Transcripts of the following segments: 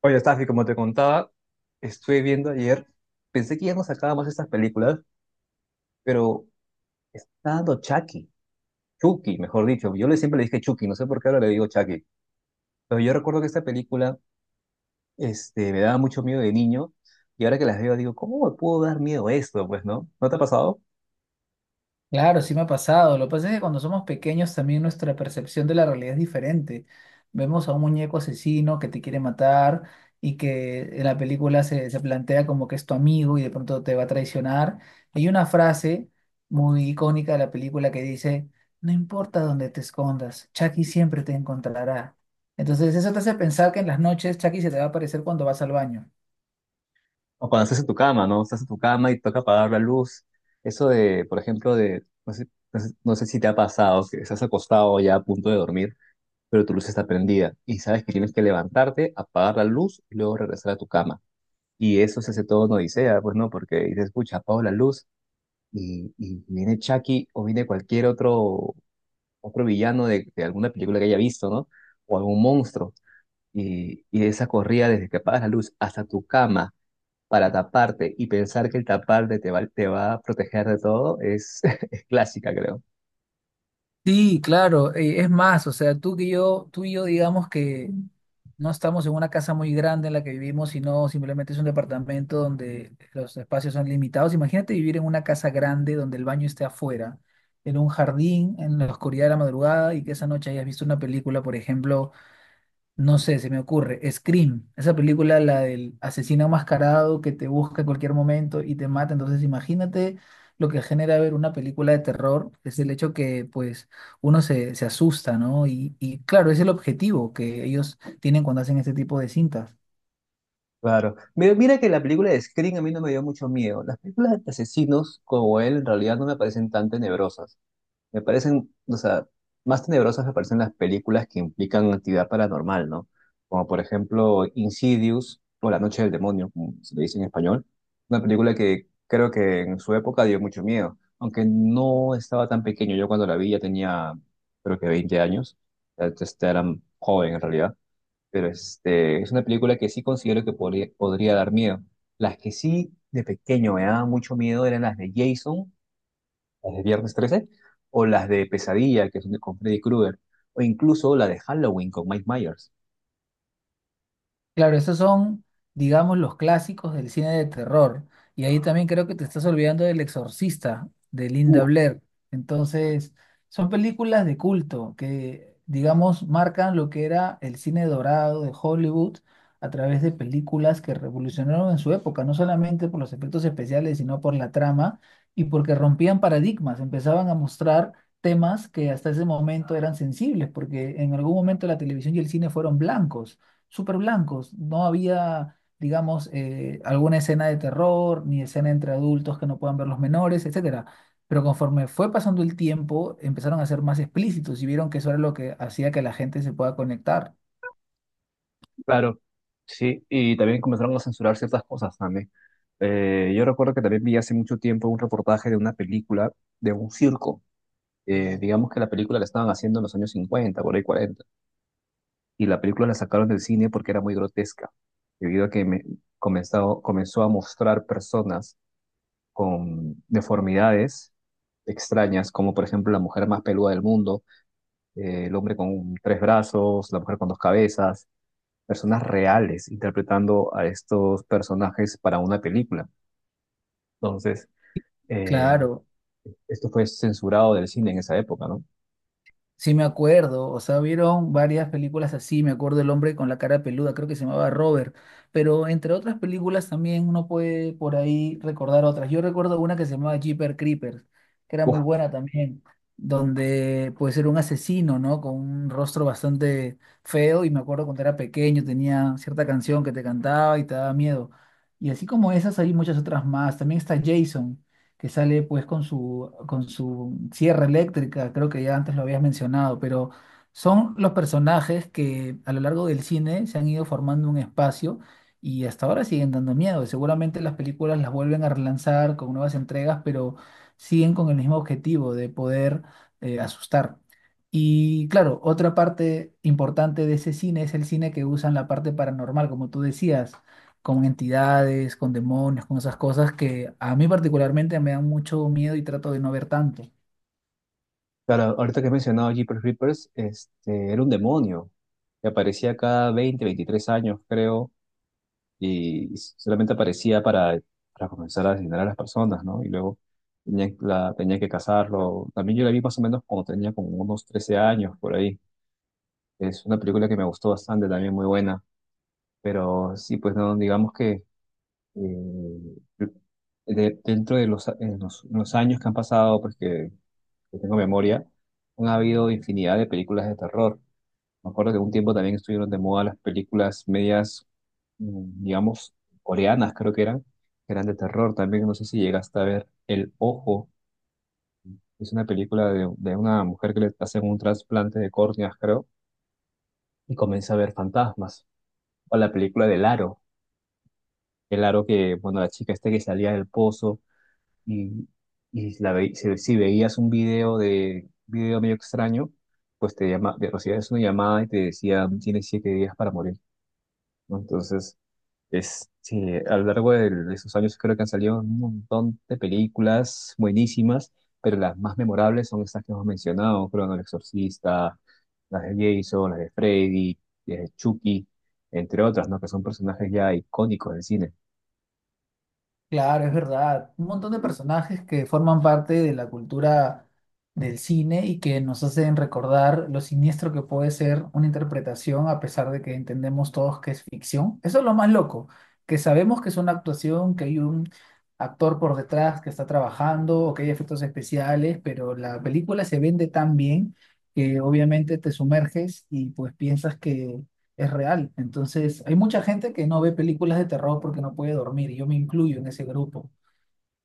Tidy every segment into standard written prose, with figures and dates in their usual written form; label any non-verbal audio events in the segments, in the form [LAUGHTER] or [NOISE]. Oye, Stafi, como te contaba, estuve viendo ayer, pensé que ya no sacábamos estas películas, pero está dando Chucky, Chucky, mejor dicho. Yo le siempre le dije Chucky, no sé por qué ahora le digo Chucky. Pero yo recuerdo que esta película, me daba mucho miedo de niño, y ahora que las veo digo, ¿cómo me pudo dar miedo esto? Pues, ¿no? ¿No te ha pasado? Claro, sí me ha pasado. Lo que pasa es que cuando somos pequeños también nuestra percepción de la realidad es diferente. Vemos a un muñeco asesino que te quiere matar y que en la película se plantea como que es tu amigo y de pronto te va a traicionar. Hay una frase muy icónica de la película que dice, no importa dónde te escondas, Chucky siempre te encontrará. Entonces eso te hace pensar que en las noches Chucky se te va a aparecer cuando vas al baño. O cuando estás en tu cama, ¿no? Estás en tu cama y toca apagar la luz. Eso de, por ejemplo, no sé si te ha pasado, que estás acostado ya a punto de dormir pero tu luz está prendida y sabes que tienes que levantarte, apagar la luz y luego regresar a tu cama. Y eso se hace todo en Odisea, pues no, porque dices, escucha apago la luz y viene Chucky o viene cualquier otro villano de alguna película que haya visto, ¿no? O algún monstruo. Y esa corrida desde que apagas la luz hasta tu cama para taparte y pensar que el taparte te va a proteger de todo es, [LAUGHS] es clásica, creo. Sí, claro, es más, o sea, tú que yo, tú y yo digamos que no estamos en una casa muy grande en la que vivimos, sino simplemente es un departamento donde los espacios son limitados. Imagínate vivir en una casa grande donde el baño esté afuera, en un jardín, en la oscuridad de la madrugada y que esa noche hayas visto una película, por ejemplo. No sé, se me ocurre. Scream, esa película, la del asesino enmascarado que te busca en cualquier momento y te mata. Entonces, imagínate lo que genera ver una película de terror, es el hecho que, pues, uno se asusta, ¿no? Y claro, es el objetivo que ellos tienen cuando hacen este tipo de cintas. Claro. Mira, mira que la película de Scream a mí no me dio mucho miedo. Las películas de asesinos como él en realidad no me parecen tan tenebrosas. O sea, más tenebrosas me parecen las películas que implican actividad paranormal, ¿no? Como por ejemplo Insidious o La Noche del Demonio, como se le dice en español. Una película que creo que en su época dio mucho miedo. Aunque no estaba tan pequeño. Yo cuando la vi ya tenía creo que 20 años. Era joven en realidad pero es una película que sí considero que podría dar miedo. Las que sí de pequeño me daban mucho miedo eran las de Jason, las de Viernes 13, o las de Pesadilla, que son con Freddy Krueger, o incluso la de Halloween con Mike Myers. Claro, esos son, digamos, los clásicos del cine de terror. Y ahí también creo que te estás olvidando del Exorcista, de Linda Uf, Blair. Entonces, son películas de culto que, digamos, marcan lo que era el cine dorado de Hollywood a través de películas que revolucionaron en su época, no solamente por los efectos especiales, sino por la trama y porque rompían paradigmas, empezaban a mostrar temas que hasta ese momento eran sensibles, porque en algún momento la televisión y el cine fueron blancos súper blancos. No había, digamos, alguna escena de terror, ni escena entre adultos que no puedan ver los menores, etcétera. Pero conforme fue pasando el tiempo, empezaron a ser más explícitos y vieron que eso era lo que hacía que la gente se pueda conectar. claro, sí, y también comenzaron a censurar ciertas cosas también. Yo recuerdo que también vi hace mucho tiempo un reportaje de una película de un circo. Digamos que la película la estaban haciendo en los años 50, por ahí 40. Y la película la sacaron del cine porque era muy grotesca, debido a que comenzó a mostrar personas con deformidades extrañas, como por ejemplo la mujer más peluda del mundo, el hombre con tres brazos, la mujer con dos cabezas, personas reales interpretando a estos personajes para una película. Entonces, eh, Claro. esto fue censurado del cine en esa época, ¿no? Sí, me acuerdo, o sea, vieron varias películas así, me acuerdo el hombre con la cara peluda, creo que se llamaba Robert, pero entre otras películas también uno puede por ahí recordar otras. Yo recuerdo una que se llamaba Jeepers Creepers, que era Uf, muy buena también, donde pues era un asesino, ¿no? Con un rostro bastante feo y me acuerdo cuando era pequeño tenía cierta canción que te cantaba y te daba miedo. Y así como esas hay muchas otras más, también está Jason que sale pues con su sierra eléctrica, creo que ya antes lo habías mencionado, pero son los personajes que a lo largo del cine se han ido formando un espacio y hasta ahora siguen dando miedo. Seguramente las películas las vuelven a relanzar con nuevas entregas, pero siguen con el mismo objetivo de poder asustar. Y claro, otra parte importante de ese cine es el cine que usan la parte paranormal, como tú decías, con entidades, con demonios, con esas cosas que a mí particularmente me dan mucho miedo y trato de no ver tanto. claro, ahorita que he mencionado a Jeepers Creepers, era un demonio que aparecía cada 20, 23 años, creo, y solamente aparecía para comenzar a asesinar a las personas, ¿no? Y luego tenía que cazarlo. También yo la vi más o menos cuando tenía como unos 13 años, por ahí. Es una película que me gustó bastante, también muy buena. Pero sí, pues no, digamos que eh, dentro de los, en los años que han pasado, porque que tengo memoria, han habido infinidad de películas de terror. Me acuerdo que un tiempo también estuvieron de moda las películas medias, digamos, coreanas, creo que eran de terror. También no sé si llegaste a ver El Ojo, es una película de una mujer que le hacen un trasplante de córneas, creo, y comienza a ver fantasmas. O la película del Aro, el Aro que, bueno, la chica esta que salía del pozo y, y si veías un video de video medio extraño, pues te llama, te recibías una llamada y te decía, tienes 7 días para morir, ¿no? Entonces, sí, a lo largo de esos años creo que han salido un montón de películas buenísimas, pero las más memorables son estas que hemos mencionado, creo, ¿no? El Exorcista, las de Jason, las de Freddy, las de Chucky, entre otras, ¿no? Que son personajes ya icónicos del cine. Claro, es verdad. Un montón de personajes que forman parte de la cultura del cine y que nos hacen recordar lo siniestro que puede ser una interpretación a pesar de que entendemos todos que es ficción. Eso es lo más loco, que sabemos que es una actuación, que hay un actor por detrás que está trabajando o que hay efectos especiales, pero la película se vende tan bien que obviamente te sumerges y pues piensas que es real. Entonces, hay mucha gente que no ve películas de terror porque no puede dormir. Y yo me incluyo en ese grupo.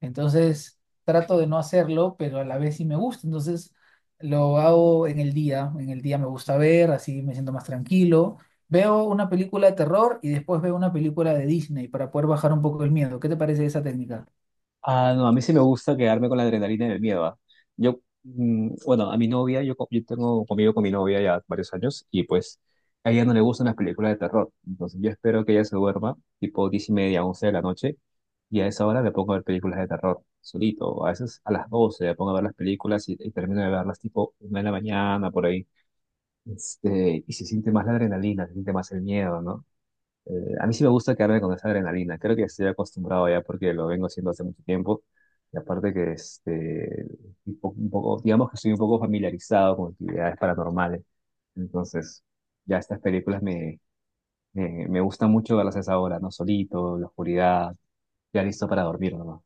Entonces, trato de no hacerlo, pero a la vez sí me gusta. Entonces, lo hago en el día. En el día me gusta ver, así me siento más tranquilo. Veo una película de terror y después veo una película de Disney para poder bajar un poco el miedo. ¿Qué te parece esa técnica? Ah, no, a mí sí me gusta quedarme con la adrenalina del miedo, ¿ah? Yo, bueno, a mi novia, yo tengo conmigo con mi novia ya varios años y pues a ella no le gustan las películas de terror. Entonces yo espero que ella se duerma tipo 10:30, 11 de la noche y a esa hora me pongo a ver películas de terror solito. A veces a las 12 me pongo a ver las películas y termino de verlas tipo 1 de la mañana por ahí. Y se siente más la adrenalina, se siente más el miedo, ¿no? A mí sí me gusta quedarme con esa adrenalina. Creo que estoy acostumbrado ya porque lo vengo haciendo hace mucho tiempo. Y aparte que un poco, digamos que estoy un poco familiarizado con actividades paranormales. Entonces, ya estas películas me gustan mucho verlas a esa hora, ¿no? Solito, en la oscuridad, ya listo para dormir, ¿no?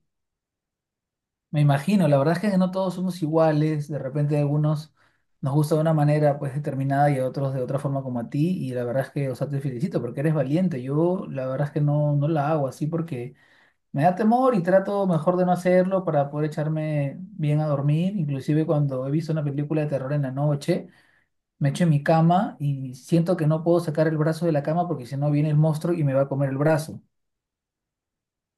Me imagino, la verdad es que no todos somos iguales, de repente a algunos nos gusta de una manera pues determinada y a otros de otra forma como a ti y la verdad es que, o sea, te felicito porque eres valiente, yo la verdad es que no, no la hago así porque me da temor y trato mejor de no hacerlo para poder echarme bien a dormir, inclusive cuando he visto una película de terror en la noche, me echo en mi cama y siento que no puedo sacar el brazo de la cama porque si no viene el monstruo y me va a comer el brazo.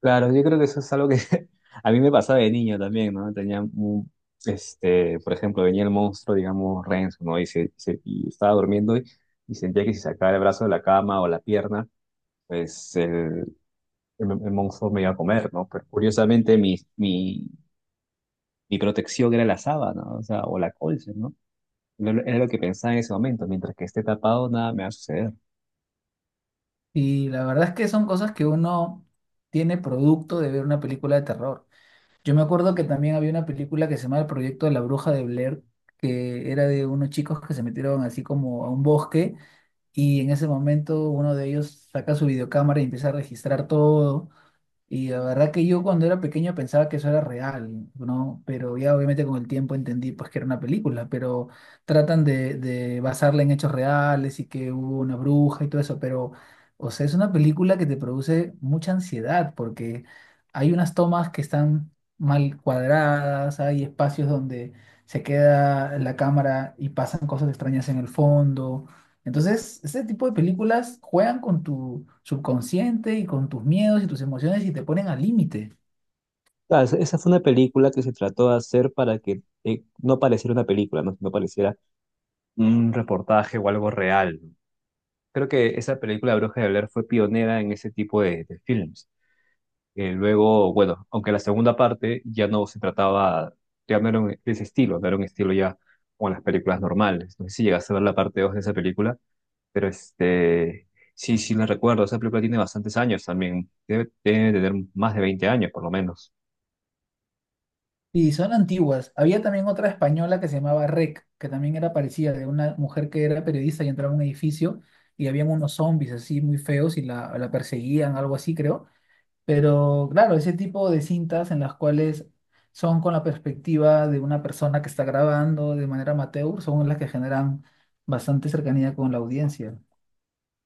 Claro, yo creo que eso es algo que [LAUGHS] a mí me pasaba de niño también, ¿no? Tenía un, por ejemplo, venía el monstruo, digamos, Renzo, ¿no? Y estaba durmiendo y sentía que si sacaba el brazo de la cama o la pierna, pues el monstruo me iba a comer, ¿no? Pero curiosamente mi protección era la sábana, o sea, o la colcha, ¿no? Era lo que pensaba en ese momento, mientras que esté tapado, nada me va a suceder. Y la verdad es que son cosas que uno tiene producto de ver una película de terror. Yo me acuerdo que también había una película que se llamaba El Proyecto de la Bruja de Blair, que era de unos chicos que se metieron así como a un bosque y en ese momento uno de ellos saca su videocámara y empieza a registrar todo y la verdad que yo cuando era pequeño pensaba que eso era real, ¿no? Pero ya obviamente con el tiempo entendí pues que era una película, pero tratan de basarla en hechos reales y que hubo una bruja y todo eso, pero, o sea, es una película que te produce mucha ansiedad porque hay unas tomas que están mal cuadradas, hay espacios donde se queda la cámara y pasan cosas extrañas en el fondo. Entonces, este tipo de películas juegan con tu subconsciente y con tus miedos y tus emociones y te ponen al límite. Claro, esa fue una película que se trató de hacer para que no pareciera una película, ¿no? No pareciera un reportaje o algo real. Creo que esa película Bruja de Blair fue pionera en ese tipo de films. Luego, bueno, aunque la segunda parte ya no se trataba, ya no era de ese estilo, no era un estilo ya con las películas normales. No sé si llegaste a ver la parte 2 de esa película, pero sí, sí la recuerdo. Esa película tiene bastantes años también, debe tener más de 20 años por lo menos. Y son antiguas. Había también otra española que se llamaba REC, que también era parecida, de una mujer que era periodista y entraba a un edificio y habían unos zombies así muy feos y la perseguían, algo así creo. Pero claro, ese tipo de cintas en las cuales son con la perspectiva de una persona que está grabando de manera amateur son las que generan bastante cercanía con la audiencia.